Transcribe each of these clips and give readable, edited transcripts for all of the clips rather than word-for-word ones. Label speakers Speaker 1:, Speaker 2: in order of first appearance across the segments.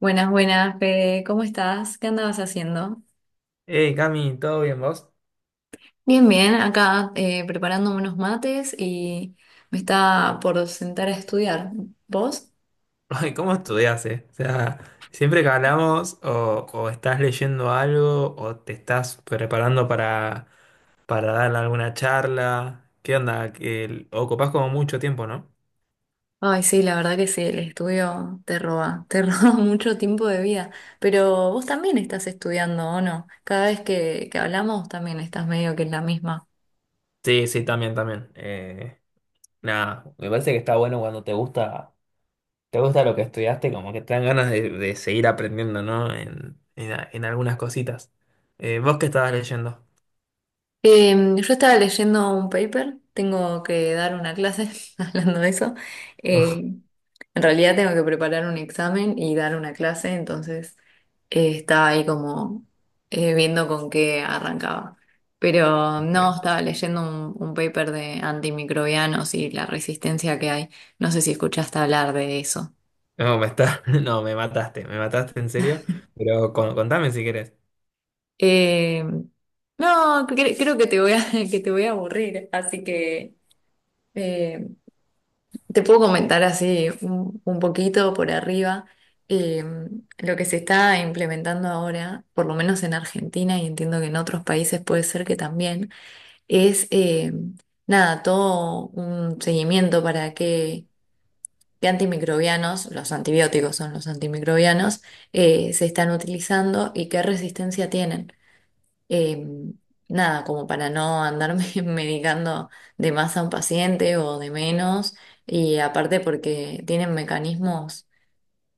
Speaker 1: Buenas, buenas, Fede. ¿Cómo estás? ¿Qué andabas haciendo?
Speaker 2: Hey, Cami, ¿todo bien vos?
Speaker 1: Bien, bien. Acá preparando unos mates y me está por sentar a estudiar. ¿Vos?
Speaker 2: Ay, ¿cómo estudiás, O sea, siempre que hablamos o estás leyendo algo o te estás preparando para dar alguna charla. ¿Qué onda? Ocupás como mucho tiempo, ¿no?
Speaker 1: Ay, sí, la verdad que sí, el estudio te roba, te roba mucho tiempo de vida. Pero vos también estás estudiando, ¿o no? Cada vez que hablamos también estás medio que en la misma.
Speaker 2: Sí, sí, también, también. Nada, me parece que está bueno cuando te gusta lo que estudiaste, como que te dan ganas de seguir aprendiendo, ¿no? En algunas cositas. ¿Vos qué estabas leyendo?
Speaker 1: Yo estaba leyendo un paper, tengo que dar una clase hablando de eso. Eh, en realidad tengo que preparar un examen y dar una clase, entonces estaba ahí como viendo con qué arrancaba. Pero no, estaba leyendo un paper de antimicrobianos y la resistencia que hay. No sé si escuchaste hablar de eso.
Speaker 2: No, me mataste en serio, pero contame si querés.
Speaker 1: Em, no, creo que te voy a, que te voy a aburrir, así que... eh, te puedo comentar así un poquito por arriba, eh, lo que se está implementando ahora, por lo menos en Argentina y entiendo que en otros países puede ser que también, es, nada, todo un seguimiento para que antimicrobianos, los antibióticos son los antimicrobianos, se están utilizando y qué resistencia tienen. Eh, Nada, como para no andarme medicando de más a un paciente o de menos. Y aparte porque tienen mecanismos,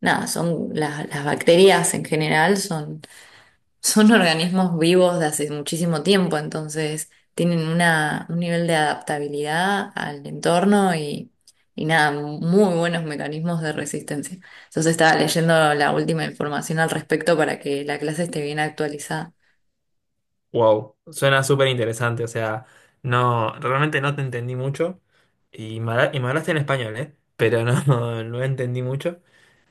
Speaker 1: nada, son las bacterias en general son, son organismos vivos de hace muchísimo tiempo, entonces tienen un nivel de adaptabilidad al entorno y nada, muy buenos mecanismos de resistencia. Entonces estaba leyendo la última información al respecto para que la clase esté bien actualizada.
Speaker 2: Wow, suena súper interesante, o sea, no, realmente no te entendí mucho y y me hablaste en español, ¿eh? Pero no, no, entendí mucho.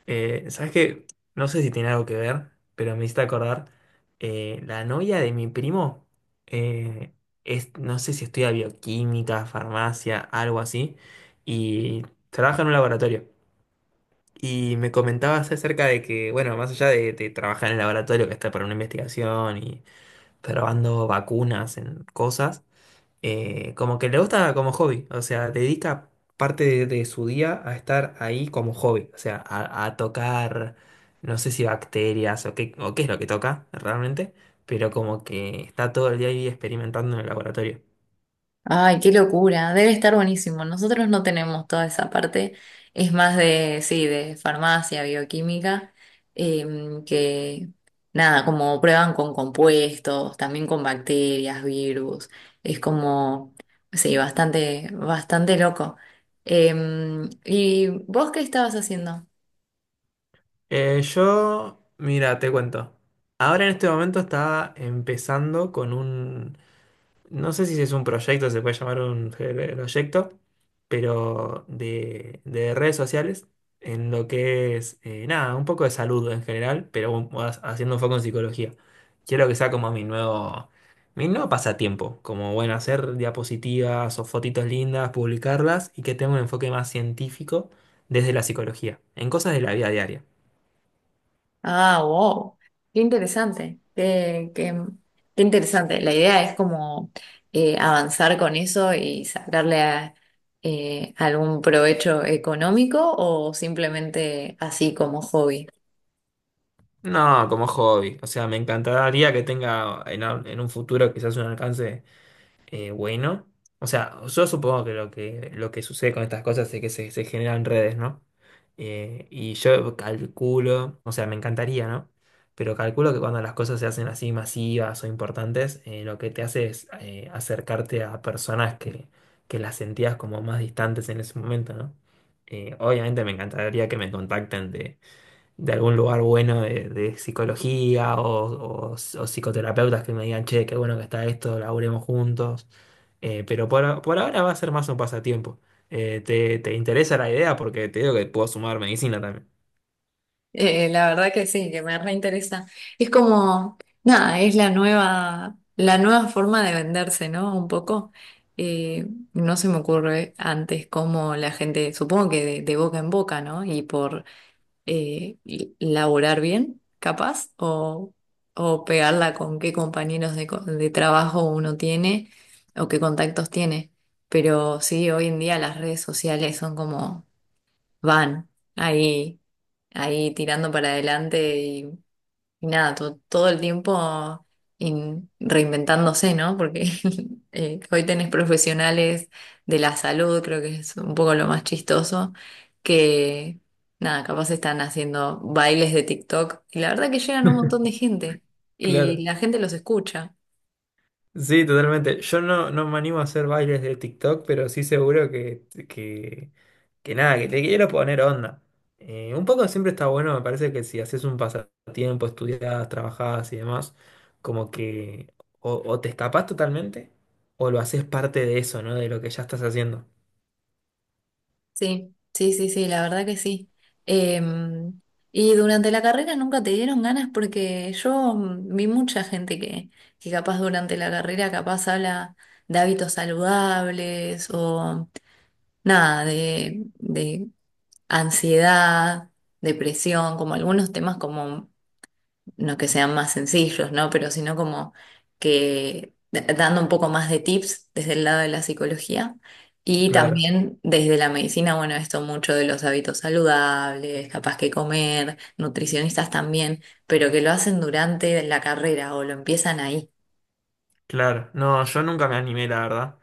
Speaker 2: ¿Sabes qué? No sé si tiene algo que ver, pero me hiciste acordar, la novia de mi primo, eh, es, no sé si estudia bioquímica, farmacia, algo así, y trabaja en un laboratorio. Y me comentabas acerca de que, bueno, más allá de trabajar en el laboratorio, que está para una investigación y probando vacunas en cosas, como que le gusta como hobby, o sea, dedica parte de su día a estar ahí como hobby, o sea, a tocar, no sé si bacterias o qué es lo que toca realmente, pero como que está todo el día ahí experimentando en el laboratorio.
Speaker 1: Ay, qué locura, debe estar buenísimo. Nosotros no tenemos toda esa parte, es más de, sí, de farmacia, bioquímica, que nada, como prueban con compuestos, también con bacterias, virus, es como, sí, bastante, bastante loco. ¿Y vos qué estabas haciendo?
Speaker 2: Yo, mira, te cuento. Ahora en este momento está empezando con un no sé si es un proyecto, se puede llamar un proyecto, pero de redes sociales, en lo que es, nada, un poco de salud en general, pero más haciendo un foco en psicología. Quiero que sea como mi nuevo pasatiempo, como, bueno, hacer diapositivas o fotitos lindas, publicarlas y que tenga un enfoque más científico desde la psicología, en cosas de la vida diaria.
Speaker 1: Ah, wow. Qué interesante. Qué interesante. La idea es como avanzar con eso y algún provecho económico o simplemente así como hobby.
Speaker 2: No, como hobby. O sea, me encantaría que tenga en un futuro quizás un alcance bueno. O sea, yo supongo que lo que, lo que sucede con estas cosas es que se generan redes, ¿no? Y yo calculo, o sea, me encantaría, ¿no? Pero calculo que cuando las cosas se hacen así masivas o importantes, lo que te hace es acercarte a personas que las sentías como más distantes en ese momento, ¿no? Obviamente me encantaría que me contacten de algún lugar bueno de psicología o o psicoterapeutas que me digan, che, qué bueno que está esto, laburemos juntos. Pero por ahora va a ser más un pasatiempo. Te interesa la idea? Porque te digo que puedo sumar medicina también.
Speaker 1: La verdad que sí, que me reinteresa. Es como, nada, es la nueva forma de venderse, ¿no? Un poco. Eh, no se me ocurre antes cómo la gente, supongo que de boca en boca, ¿no? Y por, y laburar bien, capaz, o pegarla con qué compañeros de, de trabajo uno tiene o qué contactos tiene. Pero sí, hoy en día las redes sociales son como van ahí, ahí tirando para adelante y nada, todo el tiempo reinventándose, ¿no? Porque hoy tenés profesionales de la salud, creo que es un poco lo más chistoso, que nada, capaz están haciendo bailes de TikTok y la verdad que llegan un montón de gente y
Speaker 2: Claro.
Speaker 1: la gente los escucha.
Speaker 2: Sí, totalmente. Yo no me animo a hacer bailes de TikTok, pero sí seguro que nada, que te quiero poner onda. Un poco siempre está bueno, me parece que si haces un pasatiempo, estudiás, trabajás y demás, como que o te escapás totalmente o lo haces parte de eso, ¿no? De lo que ya estás haciendo.
Speaker 1: Sí, sí, sí, sí, la verdad que sí. Em, ¿Y durante la carrera nunca te dieron ganas? Porque yo vi mucha gente que capaz durante la carrera capaz habla de hábitos saludables o nada, de ansiedad, depresión, como algunos temas como no que sean más sencillos, ¿no? Pero sino como que dando un poco más de tips desde el lado de la psicología y
Speaker 2: Claro,
Speaker 1: también desde la medicina, bueno, esto mucho de los hábitos saludables, capaz que comer, nutricionistas también, pero que lo hacen durante la carrera o lo empiezan ahí.
Speaker 2: claro. No, yo nunca me animé, la verdad.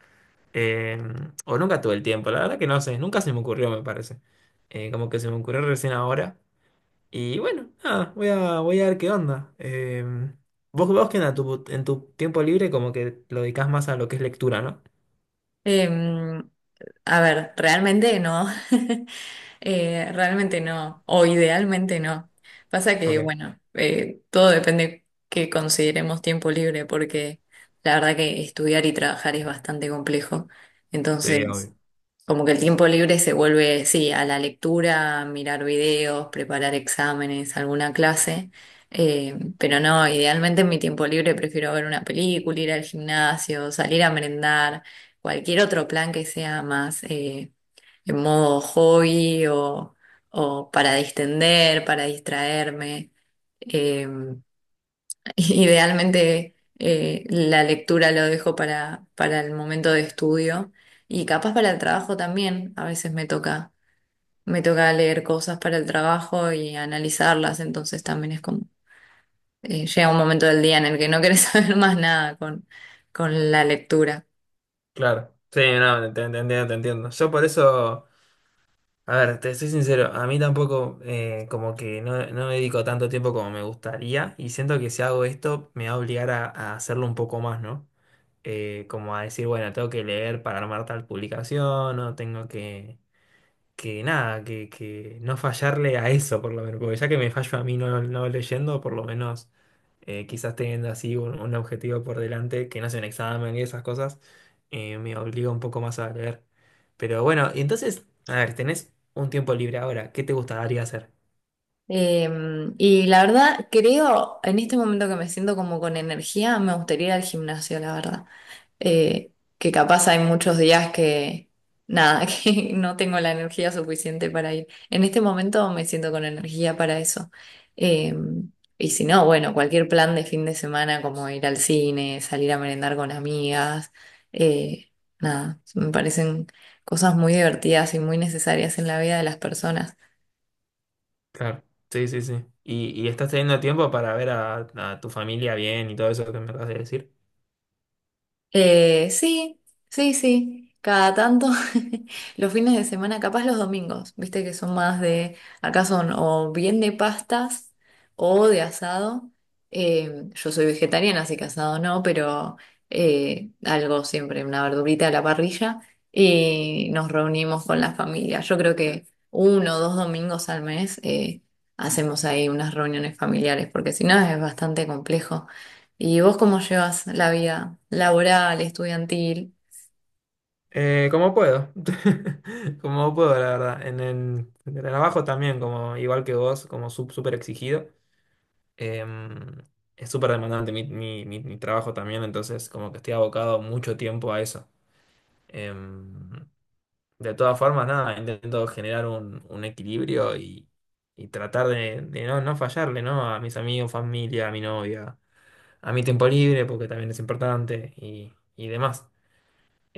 Speaker 2: Eh, o nunca tuve el tiempo, la verdad que no sé, nunca se me ocurrió, me parece. Como que se me ocurrió recién ahora. Y bueno, nada, voy a ver qué onda. Vos, vos que en tu tiempo libre como que lo dedicás más a lo que es lectura, ¿no?
Speaker 1: Em, A ver, realmente no. Realmente no. O idealmente no. Pasa que,
Speaker 2: Ok.
Speaker 1: bueno, todo depende que consideremos tiempo libre, porque la verdad que estudiar y trabajar es bastante complejo.
Speaker 2: Sí,
Speaker 1: Entonces,
Speaker 2: obvio.
Speaker 1: como que el tiempo libre se vuelve, sí, a la lectura, mirar videos, preparar exámenes, alguna clase. Pero no, idealmente en mi tiempo libre prefiero ver una película, ir al gimnasio, salir a merendar, cualquier otro plan que sea más, en modo hobby o para distender, para distraerme. Eh, Idealmente, la lectura lo dejo para el momento de estudio y capaz para el trabajo también. A veces me toca leer cosas para el trabajo y analizarlas, entonces también es como, llega un momento del día en el que no querés saber más nada con, con la lectura.
Speaker 2: Claro. Sí, no, te entiendo, te entiendo. Yo por eso. A ver, te soy sincero, a mí tampoco como que no, no me dedico tanto tiempo como me gustaría y siento que si hago esto me va a obligar a hacerlo un poco más, ¿no? Como a decir, bueno, tengo que leer para armar tal publicación o tengo que nada, que no fallarle a eso por lo menos, porque ya que me fallo a mí no leyendo, por lo menos quizás teniendo así un objetivo por delante, que no sea un examen y esas cosas, me obliga un poco más a leer. Pero bueno, y entonces, a ver, tenés un tiempo libre ahora, ¿qué te gustaría hacer?
Speaker 1: Eh, y la verdad, creo, en este momento que me siento como con energía, me gustaría ir al gimnasio, la verdad. eh, que capaz hay muchos días nada, que no tengo la energía suficiente para ir. En este momento me siento con energía para eso. Eh, y si no, bueno, cualquier plan de fin de semana como ir al cine, salir a merendar con amigas, eh, nada, me parecen cosas muy divertidas y muy necesarias en la vida de las personas.
Speaker 2: Claro, sí, sí, sí. Y estás teniendo tiempo para ver a tu familia bien y todo eso que me acabas de decir.
Speaker 1: Sí, sí, sí. Cada tanto, los fines de semana, capaz los domingos, viste que son más de, acá son o bien de pastas o de asado. Yo soy vegetariana, así que asado no, pero, algo siempre, una verdurita a la parrilla y nos reunimos con la familia. Yo creo que uno o dos domingos al mes, hacemos ahí unas reuniones familiares, porque si no es bastante complejo. ¿Y vos cómo llevas la vida laboral, estudiantil?
Speaker 2: Como puedo, como puedo, la verdad. En el trabajo también, como igual que vos, como súper exigido. Em, es súper demandante mi trabajo también, entonces como que estoy abocado mucho tiempo a eso. Em, de todas formas, nada, intento generar un equilibrio y tratar de no, no fallarle, ¿no? A mis amigos, familia, a mi novia, a mi tiempo libre, porque también es importante y demás.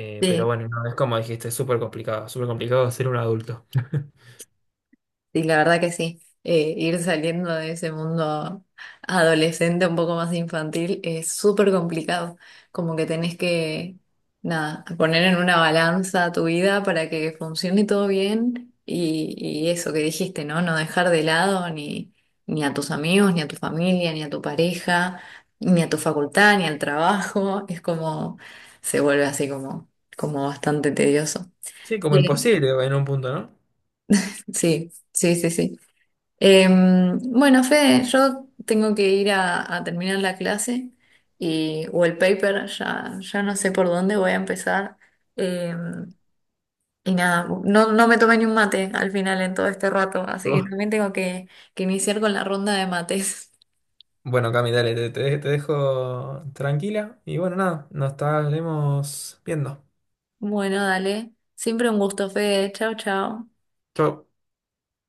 Speaker 2: Pero bueno, no, es como dijiste, es súper complicado ser un adulto.
Speaker 1: Sí, la verdad que sí. Ir saliendo de ese mundo adolescente un poco más infantil es súper complicado. Como que tenés que, nada, poner en una balanza tu vida para que funcione todo bien y eso que dijiste, ¿no? No dejar de lado ni, ni a tus amigos, ni a tu familia, ni a tu pareja, ni a tu facultad, ni al trabajo. Es como, se vuelve así como, como bastante tedioso.
Speaker 2: Sí, como
Speaker 1: Sí,
Speaker 2: imposible en un punto, ¿no?
Speaker 1: sí, sí, sí, sí. Bueno, Fede, yo tengo que ir a terminar la clase y, o el paper, ya no sé por dónde voy a empezar. Em, y nada, no, no me tomé ni un mate al final en todo este rato, así que
Speaker 2: Oh.
Speaker 1: también tengo que iniciar con la ronda de mates.
Speaker 2: Bueno, Cami, dale, te dejo tranquila y bueno, nada, nos estaremos viendo.
Speaker 1: Bueno, dale. Siempre un gusto, Fede. Chao, chao.
Speaker 2: Chau.